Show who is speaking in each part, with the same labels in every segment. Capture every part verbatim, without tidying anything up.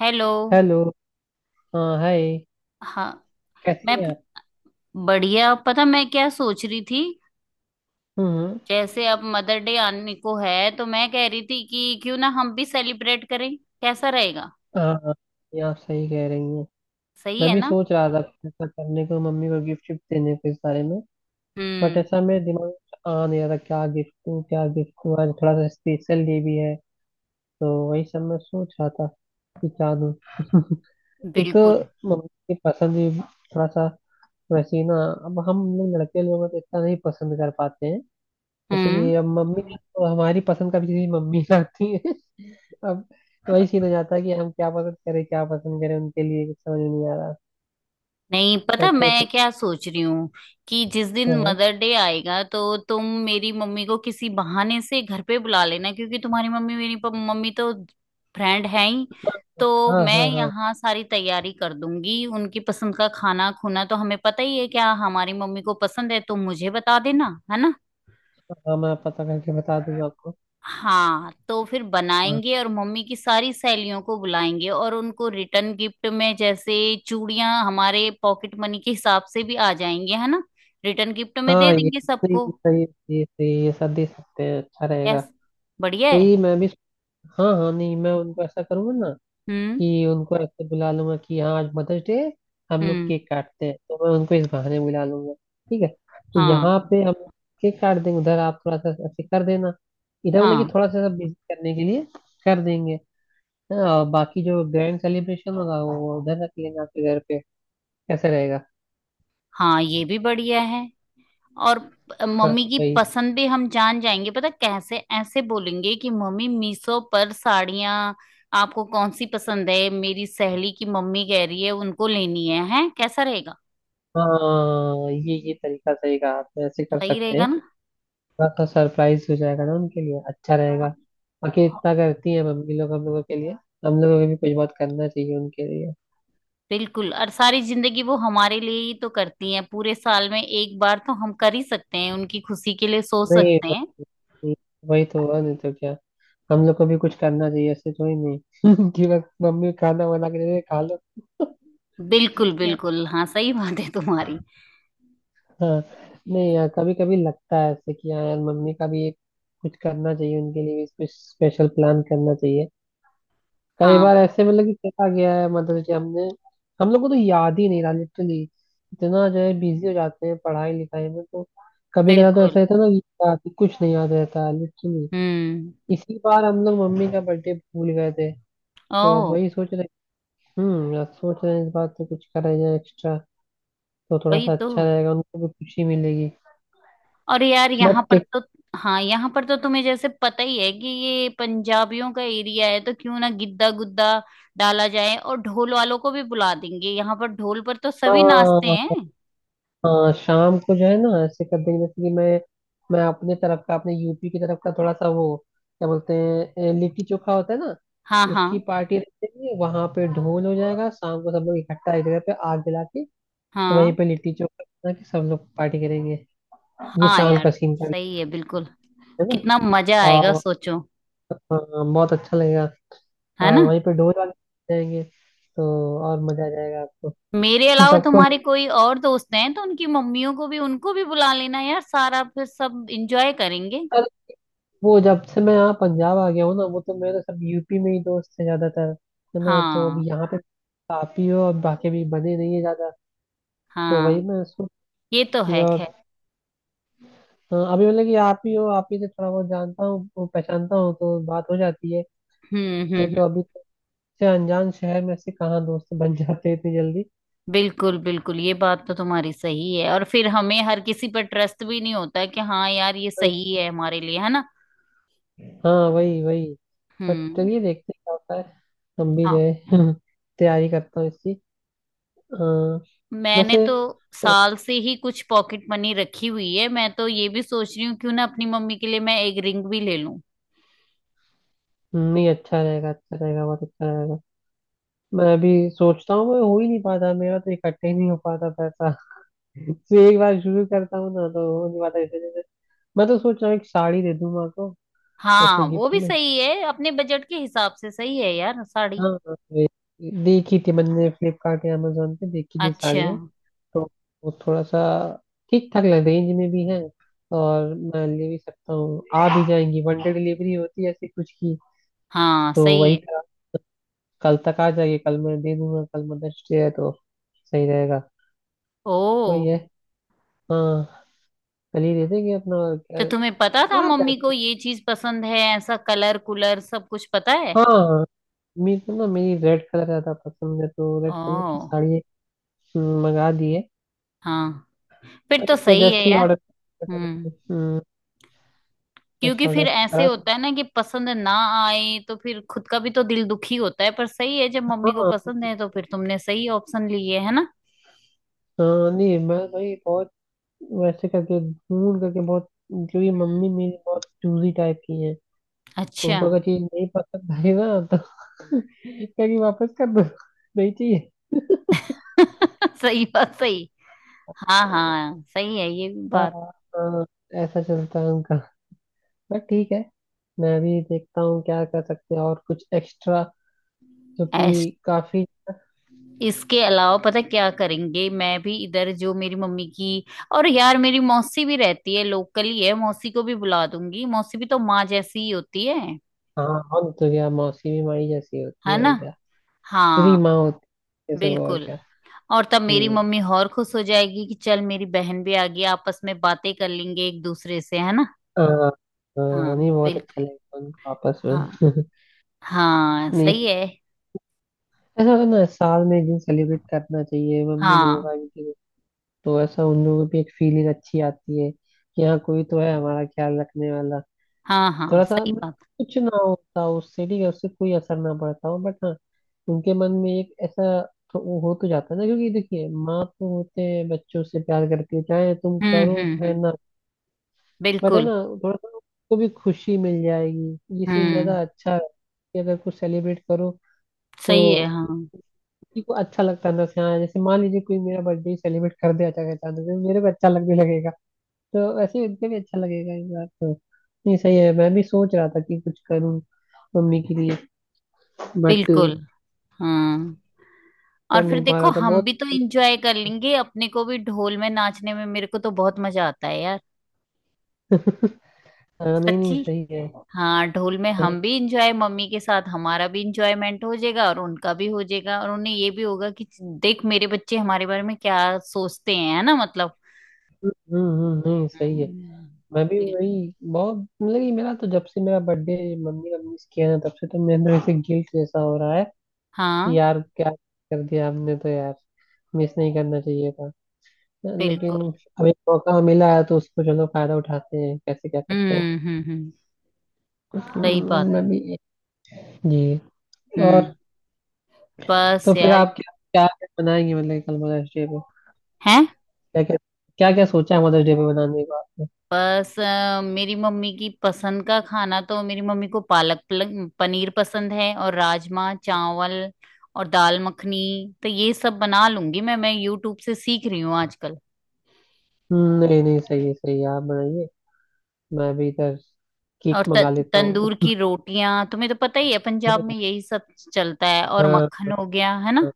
Speaker 1: Hello.
Speaker 2: Hello. हाँ, hi.
Speaker 1: हाँ मैं
Speaker 2: कैसी हैं आप?
Speaker 1: बढ़िया। पता मैं क्या सोच रही थी?
Speaker 2: हम्म।
Speaker 1: जैसे अब मदर डे आने को है तो मैं कह रही थी कि क्यों ना हम भी सेलिब्रेट करें। कैसा रहेगा?
Speaker 2: हाँ, हाँ, ये आप सही कह रही हैं।
Speaker 1: सही
Speaker 2: मैं
Speaker 1: है
Speaker 2: भी
Speaker 1: ना?
Speaker 2: सोच रहा था कुछ ऐसा करने को, मम्मी को गिफ्ट शिफ्ट देने को, इस बारे में। बट
Speaker 1: हम्म।
Speaker 2: ऐसा मेरे दिमाग में आ नहीं रहा था क्या गिफ्ट दूँ, क्या गिफ्ट दूँ। आज थोड़ा सा स्पेशल डे भी है तो वही सब मैं सोच रहा था कि क्या दूँ। एक तो
Speaker 1: बिल्कुल।
Speaker 2: मम्मी की पसंद भी थोड़ा सा वैसी ना। अब हम लोग लड़के लोग हैं तो इतना नहीं पसंद कर पाते हैं। जैसे
Speaker 1: हम्म।
Speaker 2: कि अब मम्मी तो हमारी पसंद का भी चीज़ मम्मी लाती है। अब वही सीन हो जाता है कि हम क्या पसंद करें, क्या पसंद करें, उनके लिए कुछ समझ नहीं आ रहा।
Speaker 1: नहीं, पता
Speaker 2: बैठे थे।
Speaker 1: मैं क्या सोच रही हूँ कि जिस दिन
Speaker 2: हाँ,
Speaker 1: मदर डे आएगा तो तुम मेरी मम्मी को किसी बहाने से घर पे बुला लेना, क्योंकि तुम्हारी मम्मी मेरी प- मम्मी तो फ्रेंड है ही। तो
Speaker 2: हाँ,
Speaker 1: मैं
Speaker 2: हाँ, हाँ, हाँ,
Speaker 1: यहाँ सारी तैयारी कर दूंगी। उनकी पसंद का खाना खुना तो हमें पता ही है। क्या हमारी मम्मी को पसंद है तुम मुझे बता देना, है ना?
Speaker 2: हाँ, मैं पता करके बता दूंगा आपको।
Speaker 1: हाँ, तो फिर
Speaker 2: हाँ,
Speaker 1: बनाएंगे और मम्मी की सारी सहेलियों को बुलाएंगे और उनको रिटर्न गिफ्ट में जैसे चूड़ियां हमारे पॉकेट मनी के हिसाब से भी आ जाएंगे, है ना? रिटर्न गिफ्ट में दे
Speaker 2: हाँ, ये
Speaker 1: देंगे
Speaker 2: सही
Speaker 1: सबको।
Speaker 2: सही सही सही, ये सब दे सकते हैं, अच्छा रहेगा।
Speaker 1: यस। बढ़िया है।
Speaker 2: वही मैं भी। हाँ, हाँ, नहीं मैं उनको ऐसा करूंगा ना,
Speaker 1: हम्म।
Speaker 2: कि उनको ऐसे बुला लूंगा कि हाँ आज मदर्स डे। हम लोग
Speaker 1: हम्म।
Speaker 2: केक काटते हैं तो मैं उनको इस बहाने बुला लूंगा। ठीक है तो
Speaker 1: हाँ
Speaker 2: यहाँ पे हम केक काट देंगे, उधर आप थोड़ा सा ऐसे कर देना, इधर मतलब कि
Speaker 1: हाँ
Speaker 2: थोड़ा सा बिजी करने के लिए कर देंगे। हाँ और बाकी जो ग्रैंड सेलिब्रेशन होगा वो उधर रख लेना आपके घर पे, कैसे रहेगा?
Speaker 1: हाँ, ये भी बढ़िया है। और प-
Speaker 2: हाँ
Speaker 1: मम्मी की
Speaker 2: भाई।
Speaker 1: पसंद भी हम जान जाएंगे। पता कैसे? ऐसे बोलेंगे कि मम्मी मीशो पर साड़ियां आपको कौन सी पसंद है, मेरी सहेली की मम्मी कह रही है उनको लेनी है। हैं, कैसा रहेगा?
Speaker 2: हाँ, ये ये तरीका सही कहा आपने, ऐसे कर
Speaker 1: सही
Speaker 2: सकते
Speaker 1: रहेगा
Speaker 2: हैं।
Speaker 1: ना?
Speaker 2: थोड़ा सा सरप्राइज हो जाएगा ना उनके लिए, अच्छा रहेगा। बाकी इतना करती है मम्मी लोग हम लोगों के लिए, हम लोगों को भी कुछ बहुत करना चाहिए उनके लिए।
Speaker 1: बिल्कुल। और सारी जिंदगी वो हमारे लिए ही तो करती हैं, पूरे साल में एक बार तो हम कर ही सकते हैं उनकी खुशी के लिए, सो
Speaker 2: नहीं,
Speaker 1: सकते हैं।
Speaker 2: वही वही तो हुआ, नहीं तो क्या। हम लोग को भी कुछ करना चाहिए, ऐसे थोड़ी नहीं कि बस मम्मी खाना बना के दे दे, खा लो।
Speaker 1: बिल्कुल बिल्कुल, हाँ सही बात है तुम्हारी।
Speaker 2: हाँ। नहीं यार, कभी कभी लगता है ऐसे कि हाँ यार मम्मी का भी एक कुछ करना चाहिए, उनके लिए भी कुछ स्पेशल प्लान करना चाहिए। कई
Speaker 1: हाँ।
Speaker 2: बार ऐसे मतलब कि चला गया है मदर्स डे, हमने हम लोग को तो याद ही नहीं रहा लिटरली। इतना जो है बिजी हो जाते हैं पढ़ाई लिखाई में तो कभी कदा तो
Speaker 1: बिल्कुल।
Speaker 2: ऐसा रहता है ना कि याद- कुछ नहीं याद रहता है लिटरली।
Speaker 1: हम्म।
Speaker 2: इसी बार हम लोग मम्मी का बर्थडे भूल गए थे,
Speaker 1: ओ।
Speaker 2: तो अब वही सोच रहे। हम्म यार, सोच रहे हैं इस बार तो कुछ करें जाए एक्स्ट्रा। तो थोड़ा
Speaker 1: वही
Speaker 2: सा
Speaker 1: तो।
Speaker 2: अच्छा रहेगा, उनको भी खुशी मिलेगी।
Speaker 1: और यार यहाँ
Speaker 2: बट
Speaker 1: पर तो। हाँ, यहाँ पर तो तुम्हें जैसे पता ही है कि ये पंजाबियों का एरिया है, तो क्यों ना गिद्दा गुद्दा डाला जाए और ढोल वालों को भी बुला देंगे। यहाँ पर ढोल पर तो सभी नाचते
Speaker 2: हाँ।
Speaker 1: हैं।
Speaker 2: हाँ शाम को जो है ना ऐसे कर देंगे, जैसे कि मैं मैं अपने तरफ का अपने यूपी की तरफ का थोड़ा सा वो क्या बोलते हैं, ए, लिट्टी चोखा होता है ना।
Speaker 1: हाँ
Speaker 2: उसकी
Speaker 1: हाँ
Speaker 2: पार्टी रख देंगे, वहां पे ढोल हो जाएगा शाम को, सब लोग इकट्ठा एक जगह पे आग जला के, तो वहीं
Speaker 1: हाँ।
Speaker 2: पे लिट्टी चोखा बना के सब लोग पार्टी करेंगे। ये
Speaker 1: हाँ
Speaker 2: शाम
Speaker 1: यार,
Speaker 2: का सीन का,
Speaker 1: सही है बिल्कुल।
Speaker 2: है ना।
Speaker 1: कितना मजा आएगा,
Speaker 2: और
Speaker 1: सोचो।
Speaker 2: हाँ, बहुत अच्छा लगेगा।
Speaker 1: है
Speaker 2: और
Speaker 1: ना?
Speaker 2: वहीं पे ढोल वाले जाएंगे तो और मजा आ जाएगा आपको।
Speaker 1: मेरे अलावा
Speaker 2: सबको।
Speaker 1: तुम्हारे कोई और दोस्त हैं तो उनकी मम्मियों को भी, उनको भी बुला लेना यार, सारा फिर सब एंजॉय करेंगे।
Speaker 2: वो जब से मैं यहाँ पंजाब आ गया हूँ ना, वो तो मेरे सब यूपी में ही दोस्त है ज्यादातर, है ना। तो अब
Speaker 1: हाँ।
Speaker 2: यहाँ पे आप ही हो, और बाकी भी बने नहीं है ज्यादा। तो वही
Speaker 1: हाँ,
Speaker 2: मैं सोच
Speaker 1: ये तो
Speaker 2: कि
Speaker 1: है
Speaker 2: और,
Speaker 1: खैर।
Speaker 2: हाँ, अभी मतलब कि आप ही हो, आप ही से थोड़ा बहुत जानता हूँ वो पहचानता हूँ तो बात हो जाती है।
Speaker 1: हम्म हम्म
Speaker 2: नहीं
Speaker 1: हम्म,
Speaker 2: तो अभी तो से अनजान शहर में से कहाँ दोस्त बन जाते हैं इतनी जल्दी।
Speaker 1: बिल्कुल बिल्कुल, ये बात तो तुम्हारी सही है। और फिर हमें हर किसी पर ट्रस्ट भी नहीं होता कि हाँ यार ये
Speaker 2: वही।
Speaker 1: सही है हमारे लिए, है ना?
Speaker 2: हाँ वही वही। बट
Speaker 1: हम्म।
Speaker 2: चलिए देखते हैं क्या होता है। हम भी जो
Speaker 1: हाँ।
Speaker 2: है तैयारी करता हूँ इसकी। हाँ।
Speaker 1: मैंने
Speaker 2: वैसे
Speaker 1: तो साल से ही कुछ पॉकेट मनी रखी हुई है। मैं तो ये भी सोच रही हूँ क्यों ना अपनी मम्मी के लिए मैं एक रिंग भी ले लूं।
Speaker 2: नहीं अच्छा रहेगा, अच्छा रहेगा, बहुत अच्छा रहेगा। मैं भी सोचता हूँ, मैं हो ही नहीं पाता, मेरा तो इकट्ठे ही नहीं हो पाता पैसा। तो एक बार शुरू करता हूँ ना तो हो नहीं पाता। जैसे जैसे मैं तो सोच रहा हूँ एक साड़ी दे दूँ माँ को ऐसे
Speaker 1: हाँ, वो
Speaker 2: गिफ्ट
Speaker 1: भी
Speaker 2: में।
Speaker 1: सही है, अपने बजट के हिसाब से सही है यार साड़ी।
Speaker 2: हाँ, हाँ, वे- देखी थी मैंने फ्लिपकार्ट या अमेजोन पे देखी थी
Speaker 1: अच्छा।
Speaker 2: साड़ियाँ। तो वो थोड़ा सा ठीक ठाक लग रेंज में भी है, और मैं ले भी सकता हूँ, आ भी जाएंगी। वन डे डिलीवरी होती है ऐसी कुछ की।
Speaker 1: हाँ
Speaker 2: तो
Speaker 1: सही
Speaker 2: वही
Speaker 1: है।
Speaker 2: कल, कल तक आ जाएगी, कल मैं दे दूंगा, कल मदर्स डे है तो सही रहेगा।
Speaker 1: ओ।
Speaker 2: वही है। हाँ, कल ही देते कि अपना और
Speaker 1: तो
Speaker 2: क्या
Speaker 1: तुम्हें पता था
Speaker 2: आ
Speaker 1: मम्मी को
Speaker 2: जाते।
Speaker 1: ये चीज पसंद है? ऐसा कलर कुलर सब कुछ पता है?
Speaker 2: हाँ, मेरे को ना मेरी रेड कलर ज्यादा पसंद है तो रेड कलर की
Speaker 1: ओ।
Speaker 2: साड़ी एक हम्म, मंगा दी है।
Speaker 1: हाँ। फिर तो
Speaker 2: अभी क्या
Speaker 1: सही है
Speaker 2: जस्ट ही
Speaker 1: यार।
Speaker 2: ऑर्डर,
Speaker 1: हम्म।
Speaker 2: हम्म, जस्ट
Speaker 1: क्योंकि फिर
Speaker 2: ऑर्डर
Speaker 1: ऐसे
Speaker 2: करा था।
Speaker 1: होता है ना कि पसंद ना आए तो फिर खुद का भी तो दिल दुखी होता है। पर सही है, जब मम्मी को
Speaker 2: हाँ,
Speaker 1: पसंद है तो फिर तुमने सही ऑप्शन लिए, है ना?
Speaker 2: हाँ, नहीं मैं भाई बहुत वैसे करके ढूंढ करके बहुत, क्योंकि मम्मी मेरी बहुत चूजी टाइप की है।
Speaker 1: अच्छा।
Speaker 2: उनको अगर चीज नहीं पसंद आई ना तो कहेगी वापस कर दो, नहीं चाहिए।
Speaker 1: सही बात, सही। हाँ हाँ, सही है ये भी
Speaker 2: हाँ,
Speaker 1: बात।
Speaker 2: हाँ, ऐसा चलता है उनका। बट ठीक है, मैं भी देखता हूँ क्या कर सकते हैं और कुछ एक्स्ट्रा जो
Speaker 1: ऐस
Speaker 2: कि काफी।
Speaker 1: इसके अलावा पता है क्या करेंगे? मैं भी इधर जो मेरी मम्मी की, और यार मेरी मौसी भी रहती है लोकल ही, है मौसी को भी बुला दूंगी, मौसी भी तो माँ जैसी ही होती है।
Speaker 2: हाँ और तो क्या, मौसी भी माई जैसी होती
Speaker 1: है
Speaker 2: है,
Speaker 1: ना?
Speaker 2: और क्या। तेरी
Speaker 1: हाँ।
Speaker 2: माँ होती है ये सब, और
Speaker 1: बिल्कुल।
Speaker 2: क्या।
Speaker 1: और तब मेरी
Speaker 2: हम्म।
Speaker 1: मम्मी और खुश हो जाएगी कि चल मेरी बहन भी आ गई, आपस में बातें कर लेंगे एक दूसरे से, है ना?
Speaker 2: आ, आ,
Speaker 1: हाँ।
Speaker 2: नहीं बहुत अच्छा
Speaker 1: बिल्कुल।
Speaker 2: लगेगा उनको आपस
Speaker 1: हाँ।
Speaker 2: में।
Speaker 1: हाँ
Speaker 2: नहीं,
Speaker 1: सही है।
Speaker 2: ऐसा होता है ना, साल में एक दिन सेलिब्रेट करना चाहिए मम्मी लोगों का
Speaker 1: हाँ
Speaker 2: भी। तो ऐसा उन लोगों को भी एक फीलिंग अच्छी आती है कि हाँ कोई तो है हमारा ख्याल रखने वाला।
Speaker 1: हाँ, हाँ
Speaker 2: थोड़ा सा
Speaker 1: सही
Speaker 2: मतलब
Speaker 1: बात।
Speaker 2: कुछ ना होता हो उससे, ठीक है उससे कोई असर ना पड़ता हो, बट हाँ उनके मन में एक ऐसा, तो वो हो तो जाता है ना, क्योंकि देखिए माँ तो होते हैं बच्चों से प्यार करती है चाहे तुम
Speaker 1: हम्म
Speaker 2: करो
Speaker 1: हम्म
Speaker 2: चाहे
Speaker 1: हम्म।
Speaker 2: ना। बट है
Speaker 1: बिल्कुल।
Speaker 2: ना, थोड़ा सा उसको भी खुशी मिल जाएगी। ये सीन
Speaker 1: हम्म।
Speaker 2: ज्यादा अच्छा है कि अगर कुछ सेलिब्रेट करो तो
Speaker 1: सही है। हाँ।
Speaker 2: किसी को अच्छा लगता है ना। हाँ, जैसे मान लीजिए कोई मेरा बर्थडे सेलिब्रेट कर दे अचानक, अचानक से, मेरे को अच्छा लगने लगेगा। तो वैसे उनको भी अच्छा लगेगा इस बार तो। नहीं सही है, मैं भी सोच रहा था कि कुछ करूं मम्मी के लिए, बट
Speaker 1: बिल्कुल। हाँ
Speaker 2: कर
Speaker 1: और फिर
Speaker 2: नहीं पा
Speaker 1: देखो
Speaker 2: रहा था
Speaker 1: हम
Speaker 2: बहुत।
Speaker 1: भी तो इंजॉय कर लेंगे, अपने को भी ढोल में नाचने में मेरे को तो बहुत मजा आता है यार।
Speaker 2: हाँ, नहीं, नहीं
Speaker 1: सच्ची।
Speaker 2: सही है।
Speaker 1: हाँ, ढोल में
Speaker 2: नहीं।
Speaker 1: हम भी इंजॉय मम्मी के साथ, हमारा भी इंजॉयमेंट हो जाएगा और उनका भी हो जाएगा और उन्हें ये भी होगा कि देख मेरे बच्चे हमारे बारे में क्या सोचते हैं, है ना, मतलब।
Speaker 2: हम्म, हम्म, नहीं सही है।
Speaker 1: हम्म,
Speaker 2: मैं भी
Speaker 1: बिल्कुल।
Speaker 2: वही बहुत मतलब कि मेरा तो, जब से मेरा बर्थडे मम्मी ने मिस किया ना, तब से तो मेरे अंदर ऐसे गिल्ट जैसा हो रहा है कि
Speaker 1: हाँ।
Speaker 2: यार क्या कर दिया हमने, तो यार मिस नहीं करना चाहिए था। लेकिन
Speaker 1: बिल्कुल।
Speaker 2: अब एक मौका मिला है तो उसको चलो फायदा उठाते हैं, कैसे क्या करते हैं।
Speaker 1: हम्म हम्म हम्म, सही
Speaker 2: हम्म,
Speaker 1: बात।
Speaker 2: मैं भी। जी। और,
Speaker 1: हम्म। बस
Speaker 2: तो फिर
Speaker 1: यार।
Speaker 2: आप क्या क्या क्या बनाएंगे मतलब कल मदर्स डे पे,
Speaker 1: है।
Speaker 2: क्या क्या क्या क्या सोचा है मदर्स डे पे बनाने का आपने?
Speaker 1: बस अ, मेरी मम्मी की पसंद का खाना, तो मेरी मम्मी को पालक पल- पनीर पसंद है और राजमा चावल और दाल मखनी। तो ये सब बना लूंगी मैं मैं यूट्यूब से सीख रही हूँ आजकल।
Speaker 2: हम्म, नहीं, नहीं सही है, सही है, आप बनाइए। मैं भी इधर केक
Speaker 1: और त,
Speaker 2: मंगा लेता हूँ।
Speaker 1: तंदूर की रोटियां, तुम्हें तो पता ही है पंजाब में यही सब चलता है, और
Speaker 2: हाँ,
Speaker 1: मक्खन हो गया, है ना?
Speaker 2: हाँ,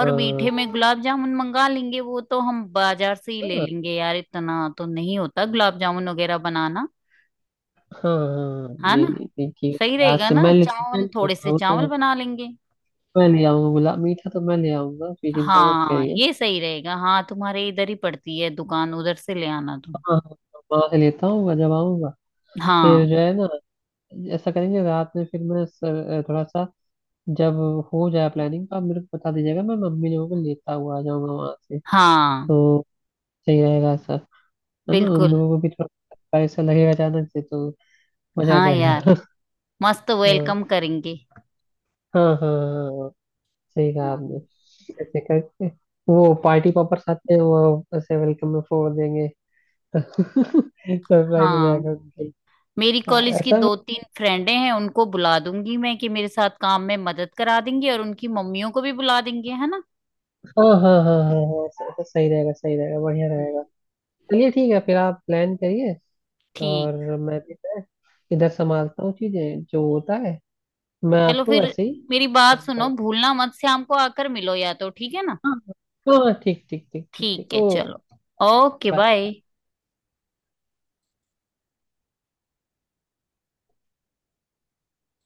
Speaker 1: और मीठे में
Speaker 2: हाँ,
Speaker 1: गुलाब जामुन मंगा लेंगे, वो तो हम बाजार से ही ले लेंगे यार, इतना तो नहीं होता गुलाब जामुन वगैरह बनाना,
Speaker 2: हाँ, हाँ,
Speaker 1: है ना?
Speaker 2: नहीं, नहीं, नहीं ठीक
Speaker 1: सही
Speaker 2: है, आज
Speaker 1: रहेगा
Speaker 2: से
Speaker 1: ना?
Speaker 2: मैं ले मैं
Speaker 1: चावल
Speaker 2: ले
Speaker 1: थोड़े
Speaker 2: आऊंगा
Speaker 1: से
Speaker 2: वो
Speaker 1: चावल
Speaker 2: तो।
Speaker 1: बना लेंगे।
Speaker 2: मैं ले आऊंगा, गुलाब मीठा तो मैं ले आऊंगा, फिर चिंता मत
Speaker 1: हाँ,
Speaker 2: करिए।
Speaker 1: ये सही रहेगा। हाँ तुम्हारे इधर ही पड़ती है दुकान, उधर से ले आना
Speaker 2: हाँ,
Speaker 1: तुम।
Speaker 2: हाँ, हाँ, वहाँ से लेता हूँ जब आऊंगा।
Speaker 1: हाँ।
Speaker 2: फिर जो है ना, ऐसा करेंगे रात में। फिर मैं स- थोड़ा सा, जब हो जाए प्लानिंग तो आप मेरे को बता दीजिएगा, मैं मम्मी लोगों को लेता हुआ आ जाऊंगा वहां से।
Speaker 1: हाँ
Speaker 2: तो सही रहेगा सब, है ना। उन
Speaker 1: बिल्कुल।
Speaker 2: लोगों को भी थोड़ा पैसा लगेगा अचानक से, तो मजा आ
Speaker 1: हाँ यार,
Speaker 2: जाएगा।
Speaker 1: मस्त वेलकम
Speaker 2: हाँ,
Speaker 1: करेंगे।
Speaker 2: हाँ, हाँ, हाँ। सही कहा आपने।
Speaker 1: हाँ।
Speaker 2: ऐसे करके, वो पार्टी पॉपर्स आते हैं वो ऐसे वेलकम में फोड़ देंगे, तो सरप्राइज हो
Speaker 1: हाँ।
Speaker 2: जाएगा उनके लिए।
Speaker 1: मेरी
Speaker 2: हाँ,
Speaker 1: कॉलेज की
Speaker 2: ऐसा,
Speaker 1: दो तीन फ्रेंडें हैं उनको बुला दूंगी मैं कि मेरे साथ काम में मदद करा देंगी और उनकी मम्मियों को भी बुला देंगे, है ना?
Speaker 2: हाँ, हाँ, हाँ, हाँ, हाँ, ऐसा ऐसा सही रहेगा, सही रहेगा, बढ़िया रहेगा।
Speaker 1: हम्म।
Speaker 2: चलिए ठीक है, फिर आप प्लान करिए, और
Speaker 1: ठीक।
Speaker 2: मैं भी, मैं इधर संभालता हूँ चीजें जो होता है। मैं
Speaker 1: चलो
Speaker 2: आपको
Speaker 1: फिर,
Speaker 2: वैसे ही
Speaker 1: मेरी बात
Speaker 2: फोन
Speaker 1: सुनो,
Speaker 2: करता
Speaker 1: भूलना मत, शाम को आकर मिलो या तो, ठीक है ना?
Speaker 2: हूँ। हाँ, हाँ, हाँ, ठीक ठीक ठीक ठीक
Speaker 1: ठीक
Speaker 2: ठीक,
Speaker 1: है,
Speaker 2: ओके।
Speaker 1: चलो। Okay,
Speaker 2: bye.
Speaker 1: बाय।